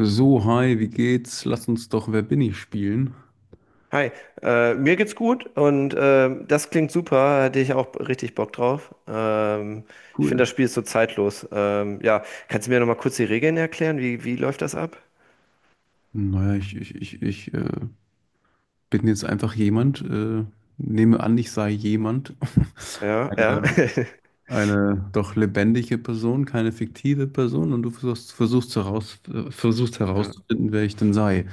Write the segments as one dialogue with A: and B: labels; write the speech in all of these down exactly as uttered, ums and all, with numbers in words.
A: So, hi, wie geht's? Lass uns doch Wer bin ich spielen.
B: Hi, äh, mir geht's gut und ähm, das klingt super, hätte ich auch richtig Bock drauf. Ähm, ich finde,
A: Cool.
B: das Spiel ist so zeitlos. Ähm, ja, kannst du mir nochmal kurz die Regeln erklären? Wie, wie läuft das ab?
A: Naja, ich, ich, ich, ich äh, bin jetzt einfach jemand, äh, nehme an, ich sei jemand.
B: Ja, ja.
A: Eine, eine doch lebendige Person, keine fiktive Person und du versuchst, versuchst, heraus, äh, versuchst
B: Ja.
A: herauszufinden, wer ich denn sei.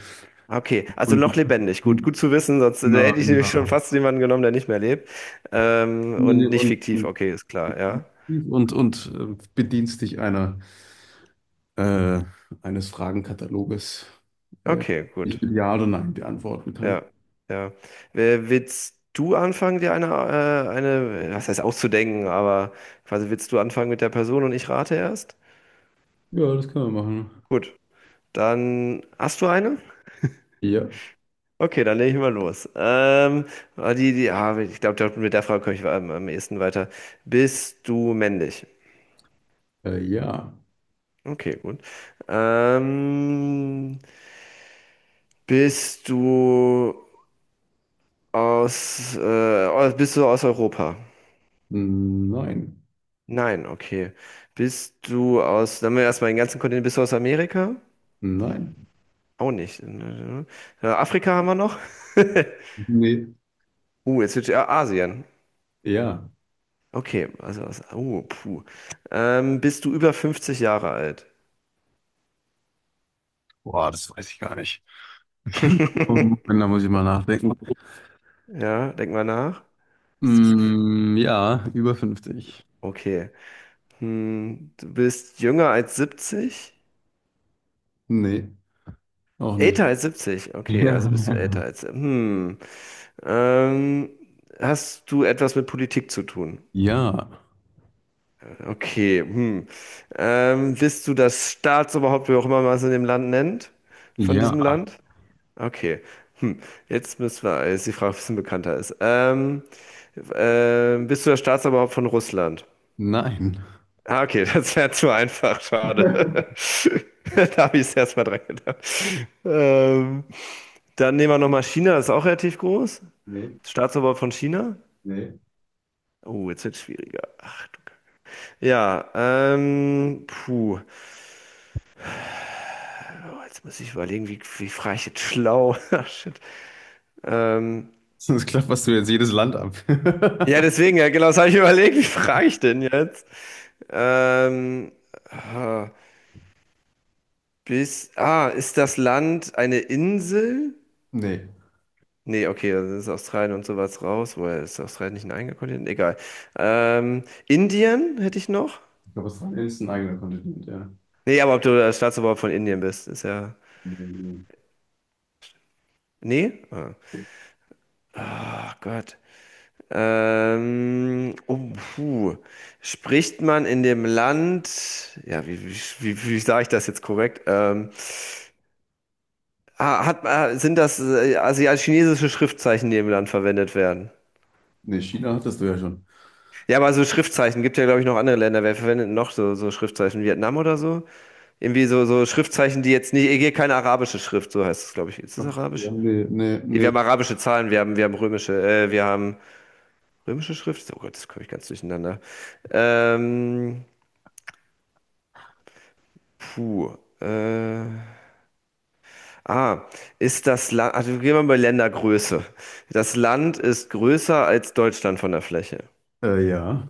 B: Okay, also
A: Und,
B: noch lebendig. Gut, gut zu wissen, sonst äh,
A: na,
B: hätte ich
A: na.
B: nämlich schon fast jemanden genommen, der nicht mehr lebt. Ähm,
A: Und,
B: und nicht fiktiv,
A: und,
B: okay, ist klar, ja.
A: und, und äh, bedienst dich einer äh, eines Fragenkataloges, äh,
B: Okay, gut.
A: ich mit Ja oder Nein beantworten kann.
B: Ja, ja. Wer- Willst du anfangen, dir eine, äh, eine, was heißt auszudenken, aber quasi willst du anfangen mit der Person und ich rate erst?
A: Ja, das können wir machen.
B: Gut, dann hast du eine?
A: Ja,
B: Okay, dann lege ich mal los. Ähm, ah, die, die, ah, ich glaube, mit der Frage komme ich am, am ehesten weiter. Bist du männlich?
A: äh, ja,
B: Okay, gut. Ähm, bist du aus, äh, Bist du aus Europa?
A: nein,
B: Nein, okay. Bist du aus, dann haben wir erstmal den ganzen Kontinent, bist du aus Amerika?
A: nein,
B: Auch nicht. Äh, Afrika haben wir noch?
A: nee,
B: Uh, jetzt wird ja Asien.
A: ja.
B: Okay, also aus, oh, puh. Ähm, bist du über fünfzig Jahre alt?
A: Boah, das weiß ich gar nicht. Da muss ich mal nachdenken.
B: Ja, denk mal nach. Bist du über fünfzig?
A: Mm, ja, über fünfzig.
B: Okay. Hm, du bist jünger als siebzig?
A: Nee, auch nicht.
B: Älter als siebzig. Okay, also bist du älter
A: Ja.
B: als. Hm. Ähm, Hast du etwas mit Politik zu tun?
A: Ja,
B: Okay, hm. Ähm, bist du das Staatsoberhaupt, wie auch immer man es in dem Land nennt? Von
A: ja,
B: diesem Land? Okay. Hm. Jetzt müssen wir, jetzt die Frage, ob es ein bisschen bekannter ist. Ähm, ähm, bist du das Staatsoberhaupt von Russland?
A: nein.
B: Ah, okay, das wäre zu einfach, schade. Da habe ich es erstmal dran gedacht. Ähm, Dann nehmen wir nochmal China, das ist auch relativ groß.
A: Nee,
B: Staatsoberhaupt von China?
A: nee.
B: Oh, jetzt wird es schwieriger. Ach, du. Ja, ähm, puh. Oh, jetzt muss ich überlegen, wie, wie frage ich jetzt schlau? Ah, Shit. Ähm,
A: Sonst klapperst du jetzt jedes Land ab.
B: ja, deswegen, ja, genau, das habe ich überlegt, wie frage ich denn jetzt? Ähm, ah, bis, ah, Ist das Land eine Insel?
A: Nee.
B: Nee, okay, dann ist Australien und sowas raus. Woher ist Australien nicht ein eigener Kontinent? Egal. Ähm, Indien hätte ich noch?
A: Ich glaube, Australien ist ein eigener Kontinent, ja.
B: Nee, aber ob du der Staatsoberhaupt von Indien bist, ist ja.
A: Ne,
B: Nee? Ah. Oh Gott. Ähm, oh, puh. Spricht man in dem Land, ja, wie, wie, wie, wie sage ich das jetzt korrekt? Ähm, ah, hat, ah, sind das äh, asiatisch-chinesische Schriftzeichen, die im Land verwendet werden?
A: China hattest du ja schon.
B: Ja, aber so Schriftzeichen gibt ja, glaube ich, noch andere Länder. Wer verwendet noch so, so Schriftzeichen? Vietnam oder so? Irgendwie so, so Schriftzeichen, die jetzt nicht, hier keine arabische Schrift, so heißt es, glaube ich. Ist das
A: Ja,
B: arabisch?
A: nee, nee,
B: Ja, Wir
A: nee.
B: haben arabische Zahlen, wir haben, wir haben römische, äh, wir haben römische Schrift. Oh Gott, das komme ich ganz durcheinander. Ähm, Puh. Äh, ah, Ist das Land, also gehen wir mal bei Ländergröße. Das Land ist größer als Deutschland von der Fläche.
A: Äh, ja.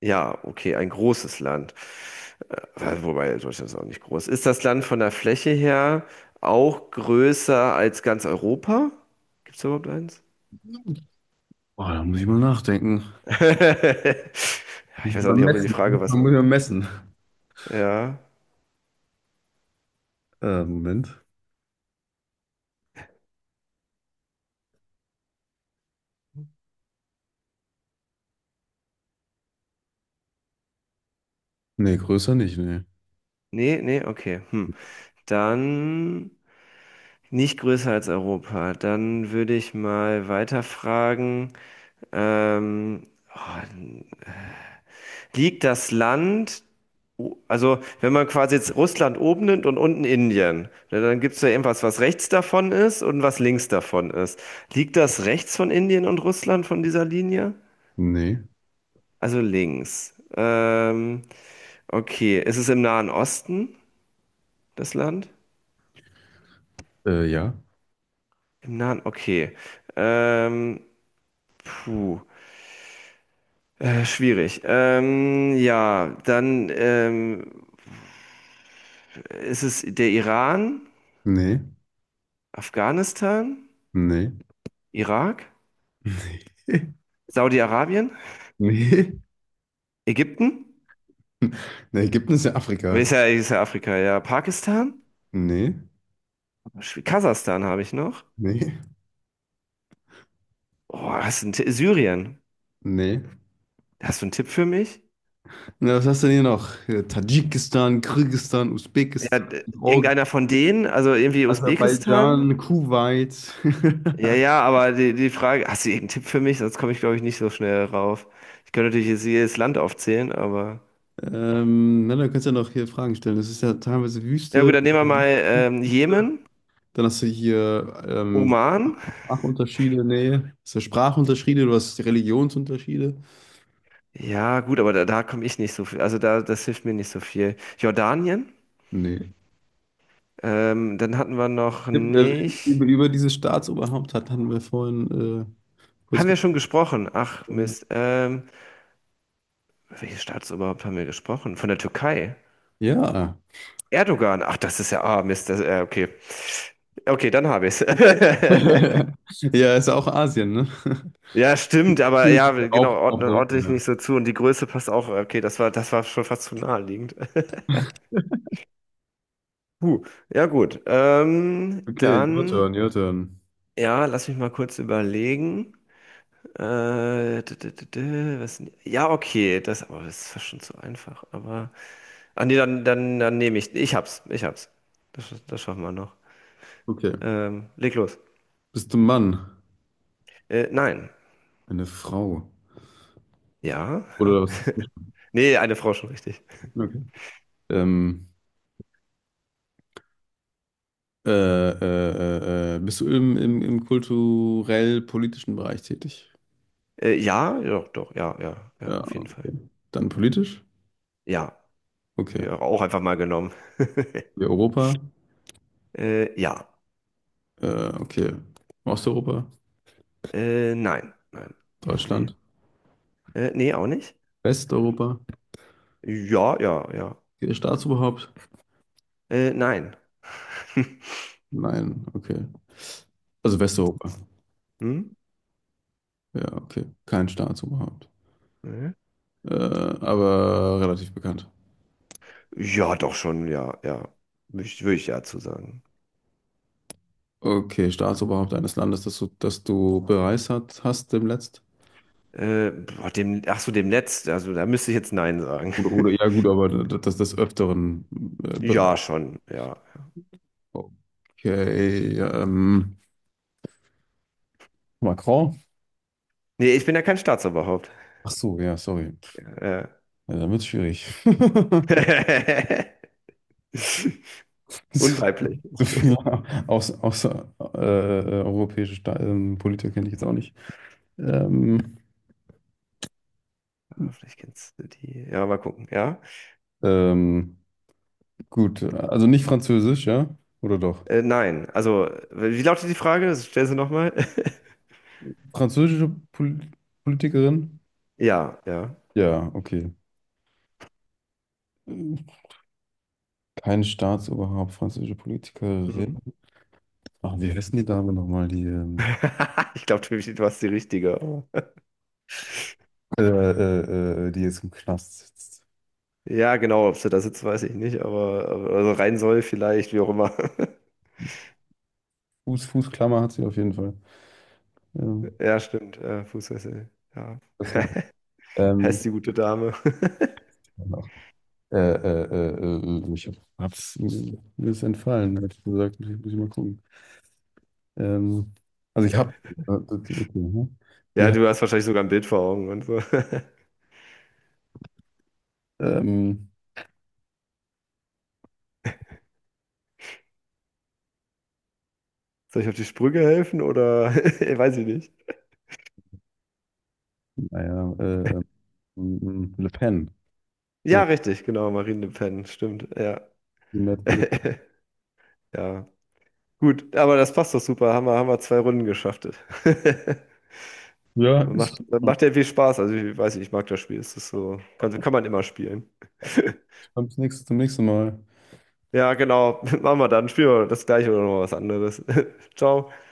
B: Ja, okay, ein großes Land. Äh, Wobei Deutschland ist auch nicht groß. Ist das Land von der Fläche her auch größer als ganz Europa? Gibt es überhaupt eins?
A: Boah, da muss ich mal nachdenken.
B: Ja, Ich
A: Muss ich
B: weiß auch
A: mal
B: nicht, ob wir die
A: messen.
B: Frage
A: Man
B: was.
A: muss ja messen.
B: Ja.
A: Äh, Moment. Nee, größer nicht, nee.
B: Nee, nee, okay. Hm. Dann nicht größer als Europa. Dann würde ich mal weiterfragen. Ähm, oh, Liegt das Land, o- also wenn man quasi jetzt Russland oben nimmt und unten Indien, ne, dann gibt es ja irgendwas, was rechts davon ist und was links davon ist. Liegt das rechts von Indien und Russland von dieser Linie?
A: Nee.
B: Also links. Ähm, okay, ist es im Nahen Osten, das Land?
A: Äh, ja.
B: Im Nahen, okay. Ähm, Puh. Äh, schwierig. Ähm, ja, dann ähm, ist es der Iran,
A: Nee.
B: Afghanistan,
A: Nee.
B: Irak, Saudi-Arabien,
A: Nee.
B: Ägypten,
A: Nee, Ägypten ist ja
B: aber
A: Afrika.
B: ist ja, ist ja Afrika, ja, Pakistan,
A: Nee.
B: Schw- Kasachstan habe ich noch.
A: Nee.
B: Oh, hast du einen Ti- Syrien?
A: Nee.
B: Hast du einen Tipp für mich?
A: Na, was hast du denn hier noch? Äh, Tadschikistan, Kirgisistan,
B: Ja,
A: Usbekistan,
B: d-
A: Org-
B: irgendeiner von denen, also irgendwie Usbekistan?
A: Aserbaidschan, Kuwait.
B: Ja, ja, aber die, die Frage, hast du irgendeinen Tipp für mich? Sonst komme ich, glaube ich, nicht so schnell rauf. Ich könnte natürlich jetzt jedes Land aufzählen, aber.
A: Ähm, na, dann kannst du ja noch hier Fragen stellen. Das ist ja teilweise
B: Ja
A: Wüste.
B: gut, dann nehmen wir mal ähm, Jemen,
A: Dann hast du hier ähm,
B: Oman.
A: Sprachunterschiede, nee. Hast du Sprachunterschiede, du hast Religionsunterschiede.
B: Ja gut, aber da, da komme ich nicht so viel. Also da, das hilft mir nicht so viel. Jordanien.
A: Nee.
B: Ähm, dann hatten wir noch
A: Über,
B: nicht.
A: über dieses Staatsoberhaupt hat, hatten wir vorhin äh, kurz
B: Haben wir schon gesprochen? Ach
A: gesprochen.
B: Mist. Ähm, welches Staatsoberhaupt haben wir gesprochen? Von der Türkei.
A: Ja.
B: Erdogan. Ach, das ist ja. Ah Mist. Das, äh, okay. Okay, dann habe ich es.
A: Ja, ist ja auch Asien, ne?
B: Ja, stimmt, aber ja, genau,
A: Auch, auch
B: ordne,
A: Europa,
B: ordne ich
A: ja.
B: nicht so zu. Und die Größe passt auch. Okay, das war, das war schon fast zu naheliegend. Puh, ja gut. Ähm,
A: Okay, your
B: dann,
A: turn, your turn.
B: ja, lass mich mal kurz überlegen. Äh, d- d- d- d- was, ja, okay, das, aber das ist fast schon zu einfach. Aber, ah nee, dann, dann, dann nehme ich, ich hab's, ich hab's. Das, sch- das schaffen wir noch.
A: Okay.
B: Ähm, leg los.
A: Bist du ein Mann?
B: Äh, nein.
A: Eine Frau.
B: Ja, ja.
A: Oder was ist das?
B: Nee, eine Frau schon richtig.
A: Okay. Ähm, Äh, äh, äh, äh, bist du im, im, im kulturell-politischen Bereich tätig?
B: Äh, ja, ja, doch, ja, ja, ja,
A: Ja,
B: auf jeden Fall.
A: okay. Dann politisch?
B: Ja,
A: Okay.
B: ja, auch einfach mal genommen.
A: Wir Europa?
B: Äh, ja.
A: Äh, okay. Osteuropa?
B: Äh, nein, nein. Nee.
A: Deutschland?
B: Äh, nee, auch nicht.
A: Westeuropa?
B: Ja, ja, ja.
A: Okay, Staatsoberhaupt?
B: Äh, nein.
A: Nein, okay. Also Westeuropa.
B: Hm?
A: Ja, okay. Kein Staatsoberhaupt.
B: Nee.
A: Äh, aber relativ bekannt.
B: Ja, doch schon, ja, ja. Würde ich, würd ich ja zu sagen.
A: Okay, Staatsoberhaupt eines Landes, das du, das du bereist hat, hast demnächst?
B: Äh, boah, dem, ach so, dem Netz, also da müsste ich jetzt Nein sagen.
A: Oder, oder ja, gut, aber das, das des Öfteren äh, bereist.
B: Ja, schon, ja.
A: Okay, ähm, Macron?
B: Nee, ich bin ja kein Staatsoberhaupt.
A: Ach so, ja, sorry.
B: Äh.
A: Ja, dann wird's schwierig.
B: Unweiblich.
A: So viele aus, außer, äh, europäische Sta ähm, Politiker kenne ich jetzt auch nicht. Ähm,
B: Ah, vielleicht kennst du die. Ja, mal gucken, ja.
A: ähm, gut, also nicht französisch, ja? Oder doch?
B: Äh, nein, also, wie lautet die Frage? Stell sie nochmal.
A: Französische Pol Politikerin?
B: Ja, ja.
A: Ja, okay. Kein Staatsoberhaupt, französische Politikerin.
B: Mhm.
A: Ach, wie heißen die Dame nochmal, die, ähm,
B: Ich glaube, du hast die richtige. Oh.
A: äh, äh, äh, die jetzt im Knast sitzt?
B: Ja, genau, ob sie da sitzt, weiß ich nicht, aber, aber also rein soll vielleicht, wie auch immer.
A: Fuß, Fußklammer hat sie auf jeden Fall. Ja,
B: Ja, stimmt, äh, Fußfessel. Ja.
A: klasse. Ähm,
B: Heißt die gute Dame.
A: noch. Äh, äh, äh, äh, ich hab's, mir ist entfallen, hätte ich gesagt. Muss ich, muss ich mal gucken. Ähm, also ich hab, äh, das- okay, hm. Wir
B: Ja,
A: haben,
B: du hast wahrscheinlich sogar ein Bild vor Augen und so.
A: ähm,
B: Soll ich auf die Sprünge helfen oder weiß ich nicht.
A: naja, äh, äh, m- m- Le Pen.
B: Ja,
A: Hier.
B: richtig, genau, Marine Le Pen, stimmt, ja.
A: Die nette Le-
B: Ja, gut, aber das passt doch super. Haben wir, haben wir zwei Runden geschafft.
A: Ja,
B: Macht,
A: ist.
B: macht ja viel Spaß. Also ich weiß nicht, ich mag das Spiel. Es ist so, kann, kann man immer spielen.
A: Bis zum nächsten, zum nächsten Mal.
B: Ja, genau. Machen wir dann. Spielen wir das gleiche oder noch was anderes. Ciao.